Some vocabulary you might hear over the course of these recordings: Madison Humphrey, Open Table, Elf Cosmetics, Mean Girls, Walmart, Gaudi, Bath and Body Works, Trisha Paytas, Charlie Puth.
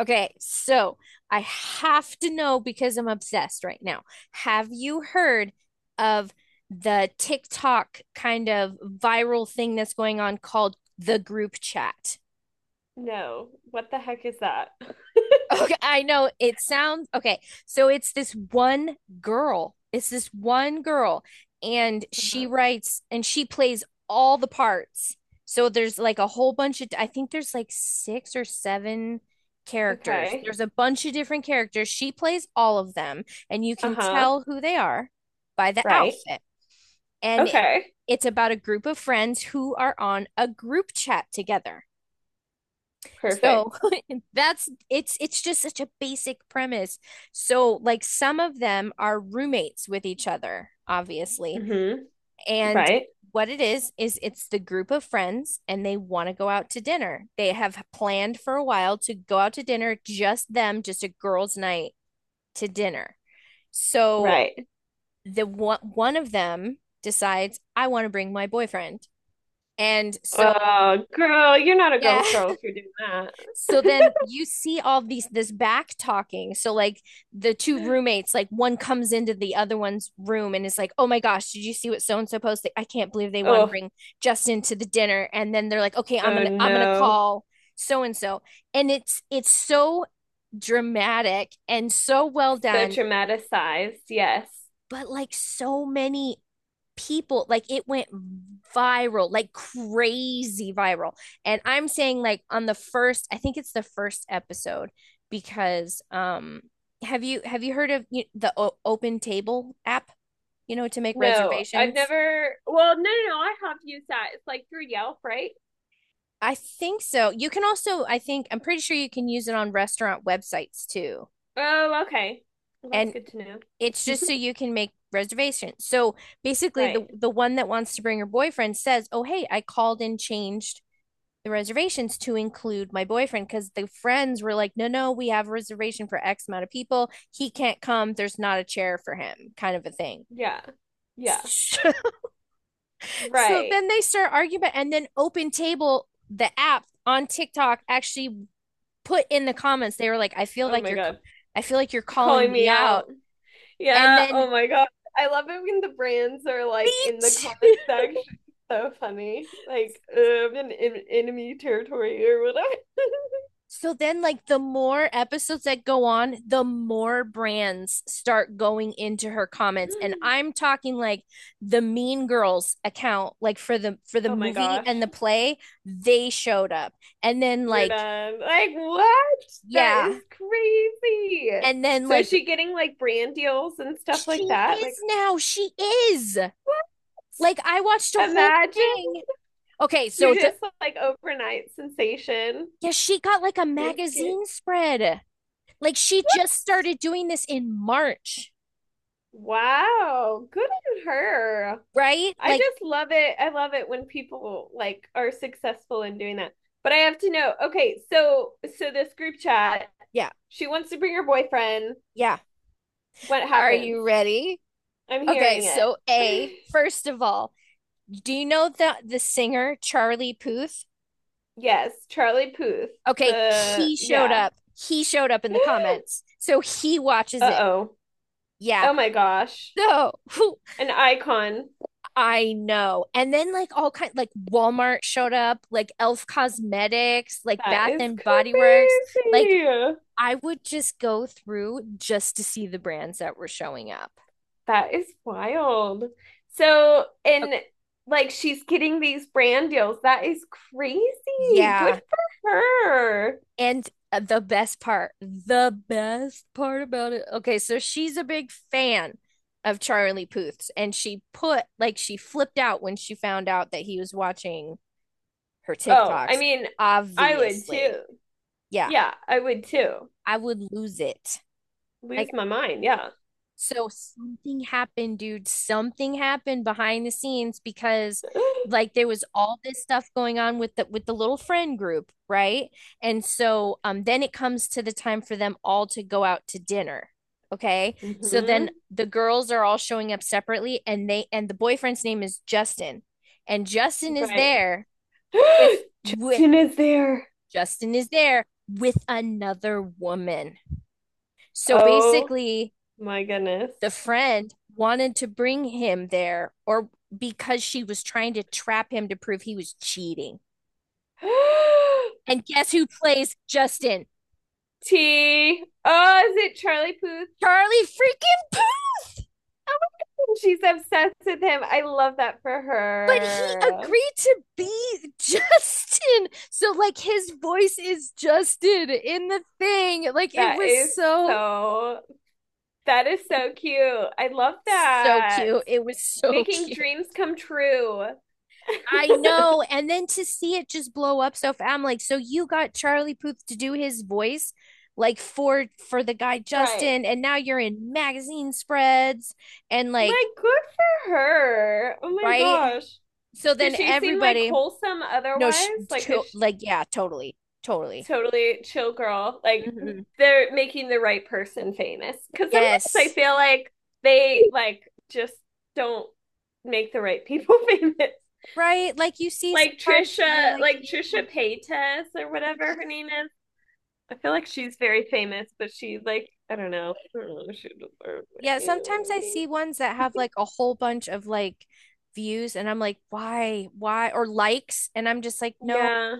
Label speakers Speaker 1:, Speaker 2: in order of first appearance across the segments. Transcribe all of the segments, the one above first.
Speaker 1: Okay, so I have to know because I'm obsessed right now. Have you heard of the TikTok kind of viral thing that's going on called the group chat?
Speaker 2: No. What the heck is that?
Speaker 1: Okay, I know it sounds okay. So it's this one girl. It's this one girl, and she
Speaker 2: Uh-huh.
Speaker 1: writes and she plays all the parts. So there's like a whole bunch of, I think there's like six or seven characters.
Speaker 2: Okay.
Speaker 1: There's a bunch of different characters. She plays all of them, and you can
Speaker 2: Uh-huh.
Speaker 1: tell who they are by the
Speaker 2: Right.
Speaker 1: outfit. And it-
Speaker 2: Okay.
Speaker 1: it's about a group of friends who are on a group chat together.
Speaker 2: Perfect.
Speaker 1: So that's it's just such a basic premise. So like some of them are roommates with each other, obviously.
Speaker 2: Mm-hmm.
Speaker 1: And
Speaker 2: Right.
Speaker 1: what it is it's the group of friends and they want to go out to dinner. They have planned for a while to go out to dinner just them, just a girls' night to dinner. So
Speaker 2: Right.
Speaker 1: the one one of them decides I want to bring my boyfriend. And so
Speaker 2: Oh, girl, you're not a
Speaker 1: yeah,
Speaker 2: girl's girl if you're doing that.
Speaker 1: so then you see all these this back talking. So like the two roommates, like one comes into the other one's room and is like, "Oh my gosh, did you see what so and so posted? I can't believe they want to
Speaker 2: Oh,
Speaker 1: bring Justin to the dinner." And then they're like, "Okay, I'm
Speaker 2: oh
Speaker 1: gonna I'm gonna
Speaker 2: no.
Speaker 1: call so and so," and it's so dramatic and so well
Speaker 2: So
Speaker 1: done,
Speaker 2: traumatized. Yes.
Speaker 1: but like so many people like it went viral, like crazy viral. And I'm saying like on the first, I think it's the first episode, because have you heard of the Open Table app, you know, to make
Speaker 2: No, I've
Speaker 1: reservations.
Speaker 2: never. Well, no, no, no. I have used that. It's like through Yelp, right?
Speaker 1: I think so. You can also, I think I'm pretty sure you can use it on restaurant websites too.
Speaker 2: Oh, okay. Well, that's
Speaker 1: And
Speaker 2: good to
Speaker 1: it's
Speaker 2: know.
Speaker 1: just so you can make reservations. So basically
Speaker 2: Right.
Speaker 1: the one that wants to bring her boyfriend says, oh, hey, I called and changed the reservations to include my boyfriend, because the friends were like, no, no, we have a reservation for X amount of people. He can't come. There's not a chair for him, kind of a thing.
Speaker 2: Yeah. Yeah.
Speaker 1: So
Speaker 2: Right.
Speaker 1: then they start and then Open Table, the app on TikTok, actually put in the comments, they were like, I feel
Speaker 2: Oh
Speaker 1: like
Speaker 2: my
Speaker 1: you're,
Speaker 2: God.
Speaker 1: I feel like you're calling
Speaker 2: Calling
Speaker 1: me
Speaker 2: me out.
Speaker 1: out. And
Speaker 2: Yeah.
Speaker 1: then
Speaker 2: Oh my God. I love it when the brands are like in
Speaker 1: meet
Speaker 2: the comment section. So funny. Like, in enemy territory or whatever.
Speaker 1: so then, like, the more episodes that go on, the more brands start going into her comments. And I'm talking like the Mean Girls account, like for the
Speaker 2: Oh my
Speaker 1: movie and the
Speaker 2: gosh.
Speaker 1: play, they showed up. And then
Speaker 2: You're
Speaker 1: like,
Speaker 2: done. Like, what? That is
Speaker 1: yeah.
Speaker 2: crazy.
Speaker 1: And then
Speaker 2: So
Speaker 1: like
Speaker 2: is she getting like brand deals and stuff like
Speaker 1: she
Speaker 2: that? Like,
Speaker 1: is now, she is.
Speaker 2: what?
Speaker 1: Like I watched a whole
Speaker 2: Imagine
Speaker 1: thing. Okay,
Speaker 2: you're
Speaker 1: so the
Speaker 2: just like overnight sensation
Speaker 1: yeah, she got like a
Speaker 2: doing skits.
Speaker 1: magazine spread. Like she just started doing this in March,
Speaker 2: Wow. Good on her.
Speaker 1: right?
Speaker 2: I
Speaker 1: Like,
Speaker 2: just love it. I love it when people like are successful in doing that. But I have to know. Okay, so this group chat,
Speaker 1: yeah,
Speaker 2: she wants to bring her boyfriend.
Speaker 1: yeah.
Speaker 2: What
Speaker 1: Are
Speaker 2: happens?
Speaker 1: you ready?
Speaker 2: I'm
Speaker 1: Okay,
Speaker 2: hearing it.
Speaker 1: so A, first of all, do you know the singer Charlie Puth?
Speaker 2: Yes, Charlie Puth.
Speaker 1: Okay,
Speaker 2: The
Speaker 1: he showed
Speaker 2: yeah.
Speaker 1: up. He showed up in the comments. So he watches it.
Speaker 2: Uh-oh.
Speaker 1: Yeah.
Speaker 2: Oh my gosh.
Speaker 1: So whew,
Speaker 2: An icon.
Speaker 1: I know. And then like all kind like Walmart showed up, like Elf Cosmetics, like
Speaker 2: That
Speaker 1: Bath
Speaker 2: is
Speaker 1: and Body Works. Like
Speaker 2: crazy.
Speaker 1: I would just go through just to see the brands that were showing up.
Speaker 2: That is wild. So,
Speaker 1: Uh,
Speaker 2: and like she's getting these brand deals. That is crazy. Good
Speaker 1: yeah.
Speaker 2: for her.
Speaker 1: And the best part about it. Okay, so she's a big fan of Charlie Puth's, and she put like she flipped out when she found out that he was watching her
Speaker 2: Oh, I
Speaker 1: TikToks.
Speaker 2: mean, I would
Speaker 1: Obviously,
Speaker 2: too.
Speaker 1: yeah,
Speaker 2: Yeah, I would too.
Speaker 1: I would lose it. Like
Speaker 2: Lose my mind. Yeah.
Speaker 1: so something happened, dude. Something happened behind the scenes because like there was all this stuff going on with the little friend group, right? And so then it comes to the time for them all to go out to dinner. Okay. So then
Speaker 2: Hmm.
Speaker 1: the girls are all showing up separately and they and the boyfriend's name is Justin. And Justin is
Speaker 2: Right.
Speaker 1: there with
Speaker 2: Justin is there.
Speaker 1: Justin is there with another woman. So
Speaker 2: Oh
Speaker 1: basically
Speaker 2: my goodness.
Speaker 1: the friend wanted to bring him there or because she was trying to trap him to prove he was cheating. And guess who plays Justin?
Speaker 2: T. Oh, is it Charlie Puth?
Speaker 1: Charlie freaking Puth!
Speaker 2: Oh my God, she's obsessed with him. I love that for
Speaker 1: But he
Speaker 2: her.
Speaker 1: agreed to be Justin. So like his voice is Justin in the thing. Like it
Speaker 2: That
Speaker 1: was
Speaker 2: is
Speaker 1: so
Speaker 2: so, that is so cute. I love
Speaker 1: so
Speaker 2: that.
Speaker 1: cute. It was so
Speaker 2: Making
Speaker 1: cute.
Speaker 2: dreams come true.
Speaker 1: I know. And then to see it just blow up so fast, I'm like, so you got Charlie Puth to do his voice like for the guy
Speaker 2: Right.
Speaker 1: Justin, and now you're in magazine spreads and like
Speaker 2: Like, good for her. Oh my
Speaker 1: right?
Speaker 2: gosh.
Speaker 1: So
Speaker 2: Does
Speaker 1: then
Speaker 2: she seem like
Speaker 1: everybody
Speaker 2: wholesome
Speaker 1: no sh-
Speaker 2: otherwise? Like a
Speaker 1: to,
Speaker 2: sh-
Speaker 1: like yeah, totally. Totally.
Speaker 2: totally chill girl. Like,
Speaker 1: Mhm.
Speaker 2: they're making the right person famous. Because sometimes I
Speaker 1: Yes.
Speaker 2: feel like they, like, just don't make the right people famous.
Speaker 1: Right? Like you see sometimes and you're like
Speaker 2: Like
Speaker 1: you
Speaker 2: Trisha Paytas or whatever her name is. I feel like she's very famous, but she like I don't know. I don't know. She deserves it.
Speaker 1: yeah,
Speaker 2: You know what
Speaker 1: sometimes
Speaker 2: I
Speaker 1: I
Speaker 2: mean?
Speaker 1: see ones that have like a whole bunch of like views and I'm like, why? Why? Or likes and I'm just like, no,
Speaker 2: Yeah.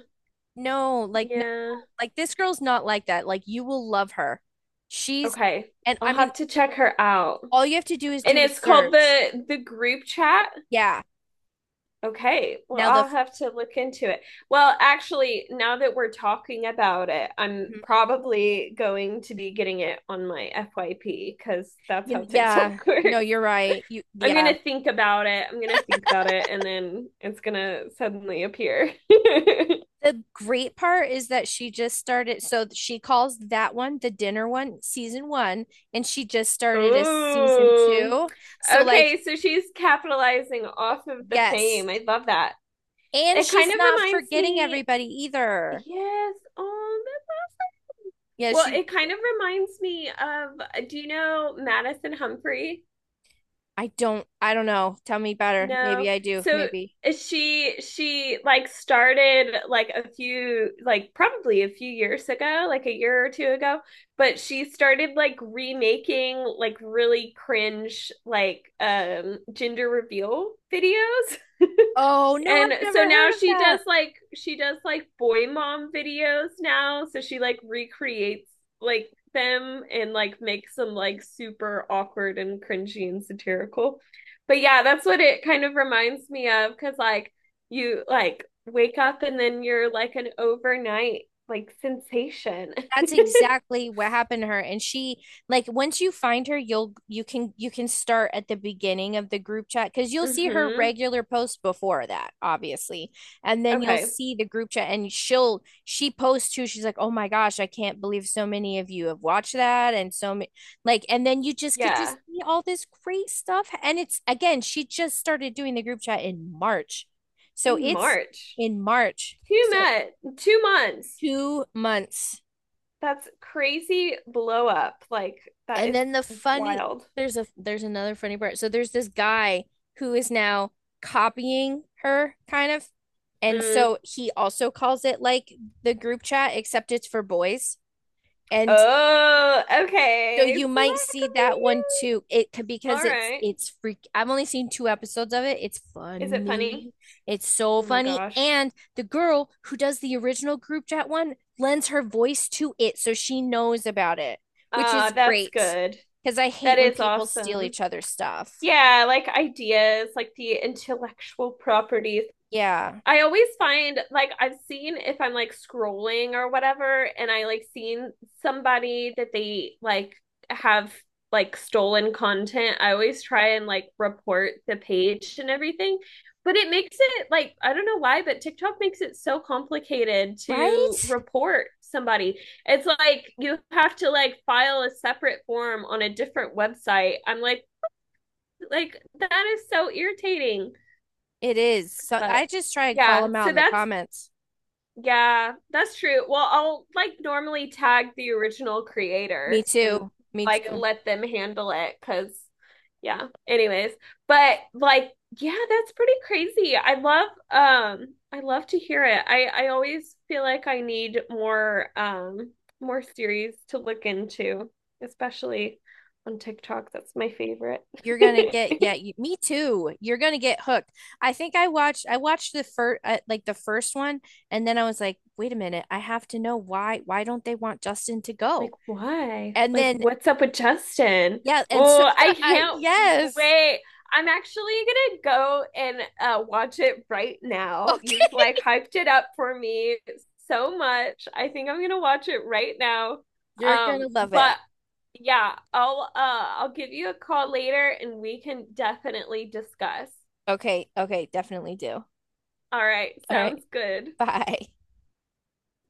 Speaker 1: no, like no,
Speaker 2: Yeah.
Speaker 1: like this girl's not like that. Like you will love her. She's
Speaker 2: Okay.
Speaker 1: and
Speaker 2: I'll
Speaker 1: I mean
Speaker 2: have to check her out.
Speaker 1: all you have to do is
Speaker 2: And it's called
Speaker 1: search.
Speaker 2: the group chat.
Speaker 1: Yeah.
Speaker 2: Okay. Well,
Speaker 1: Now the
Speaker 2: I'll have to look into it. Well, actually, now that we're talking about it, I'm
Speaker 1: mhm.
Speaker 2: probably going to be getting it on my FYP because that's
Speaker 1: You,
Speaker 2: how
Speaker 1: yeah,
Speaker 2: TikTok
Speaker 1: no,
Speaker 2: works.
Speaker 1: you're right. You
Speaker 2: I'm
Speaker 1: yeah.
Speaker 2: gonna think about it. I'm gonna think about it, and then it's gonna suddenly appear.
Speaker 1: The great part is that she just started, so she calls that one, the dinner one, season 1, and she just started a season
Speaker 2: Oh,
Speaker 1: 2. So like
Speaker 2: okay. So she's capitalizing off of the fame. I
Speaker 1: yes.
Speaker 2: love that.
Speaker 1: And
Speaker 2: It kind
Speaker 1: she's
Speaker 2: of
Speaker 1: not
Speaker 2: reminds
Speaker 1: forgetting
Speaker 2: me,
Speaker 1: everybody either.
Speaker 2: yes. Oh, that-
Speaker 1: Yeah,
Speaker 2: well,
Speaker 1: she
Speaker 2: it
Speaker 1: yeah,
Speaker 2: kind of reminds me of, do you know Madison Humphrey?
Speaker 1: I don't know. Tell me better. Maybe
Speaker 2: No.
Speaker 1: I do.
Speaker 2: So
Speaker 1: Maybe
Speaker 2: she like started like a few like probably a few years ago, like a year or two ago, but she started like remaking like really cringe like gender reveal videos.
Speaker 1: oh, no, I've
Speaker 2: And so
Speaker 1: never heard
Speaker 2: now
Speaker 1: of that.
Speaker 2: she does like boy mom videos now. So she like recreates like them and like makes them like super awkward and cringy and satirical. But yeah, that's what it kind of reminds me of because like you like wake up and then you're like an overnight like sensation.
Speaker 1: That's exactly what happened to her. And she like once you find her, you'll you can start at the beginning of the group chat because you'll see her
Speaker 2: Mm-hmm.
Speaker 1: regular post before that, obviously. And then you'll
Speaker 2: Okay.
Speaker 1: see the group chat and she posts too. She's like, "Oh my gosh, I can't believe so many of you have watched that and so many like and then you just get to
Speaker 2: Yeah.
Speaker 1: see all this great stuff. And it's again, she just started doing the group chat in March. So
Speaker 2: In
Speaker 1: it's
Speaker 2: March.
Speaker 1: in March.
Speaker 2: Two
Speaker 1: So
Speaker 2: met 2 months.
Speaker 1: 2 months.
Speaker 2: That's crazy blow up. Like that
Speaker 1: And
Speaker 2: is
Speaker 1: then the funny
Speaker 2: wild.
Speaker 1: there's another funny part. So there's this guy who is now copying her kind of. And so
Speaker 2: Mm.
Speaker 1: he also calls it like the group chat, except it's for boys. And
Speaker 2: Oh,
Speaker 1: so
Speaker 2: okay.
Speaker 1: you
Speaker 2: So
Speaker 1: might
Speaker 2: that
Speaker 1: see
Speaker 2: could be
Speaker 1: that one
Speaker 2: you.
Speaker 1: too. It could because
Speaker 2: All
Speaker 1: it's
Speaker 2: right.
Speaker 1: it's freak. I've only seen two episodes of it. It's
Speaker 2: Is it funny?
Speaker 1: funny. It's so
Speaker 2: Oh my
Speaker 1: funny.
Speaker 2: gosh.
Speaker 1: And the girl who does the original group chat one lends her voice to it, so she knows about it, which is
Speaker 2: That's
Speaker 1: great.
Speaker 2: good.
Speaker 1: Because I hate
Speaker 2: That
Speaker 1: when
Speaker 2: is
Speaker 1: people steal
Speaker 2: awesome.
Speaker 1: each other's stuff.
Speaker 2: Yeah, like ideas, like the intellectual properties.
Speaker 1: Yeah,
Speaker 2: I always find like I've seen if I'm like scrolling or whatever, and I like seen somebody that they like have like stolen content. I always try and like report the page and everything, but it makes it like I don't know why, but TikTok makes it so complicated
Speaker 1: right?
Speaker 2: to report somebody. It's like you have to like file a separate form on a different website. I'm like that is so irritating,
Speaker 1: It is. So
Speaker 2: but
Speaker 1: I just try and call
Speaker 2: yeah,
Speaker 1: them out
Speaker 2: so
Speaker 1: in the
Speaker 2: that's
Speaker 1: comments.
Speaker 2: yeah, that's true. Well, I'll like normally tag the original
Speaker 1: Me
Speaker 2: creator and
Speaker 1: too. Me
Speaker 2: like
Speaker 1: too.
Speaker 2: let them handle it because, yeah, anyways. But like, yeah, that's pretty crazy. I love to hear it. I always feel like I need more more series to look into, especially on TikTok. That's my favorite.
Speaker 1: You're gonna get yeah you, me too, you're gonna get hooked. I think I watched the first like the first one, and then I was like, wait a minute, I have to know why don't they want Justin to go.
Speaker 2: Like, why?
Speaker 1: And
Speaker 2: Like,
Speaker 1: then
Speaker 2: what's up with Justin?
Speaker 1: yeah, and so
Speaker 2: Oh, I
Speaker 1: I
Speaker 2: can't
Speaker 1: yes.
Speaker 2: wait. I'm actually gonna go and watch it right now. You've
Speaker 1: Okay,
Speaker 2: like hyped it up for me so much. I think I'm gonna watch it right now.
Speaker 1: you're gonna love it.
Speaker 2: But yeah, I'll give you a call later and we can definitely discuss.
Speaker 1: Okay, okay, definitely do.
Speaker 2: All right,
Speaker 1: All right,
Speaker 2: sounds good.
Speaker 1: bye.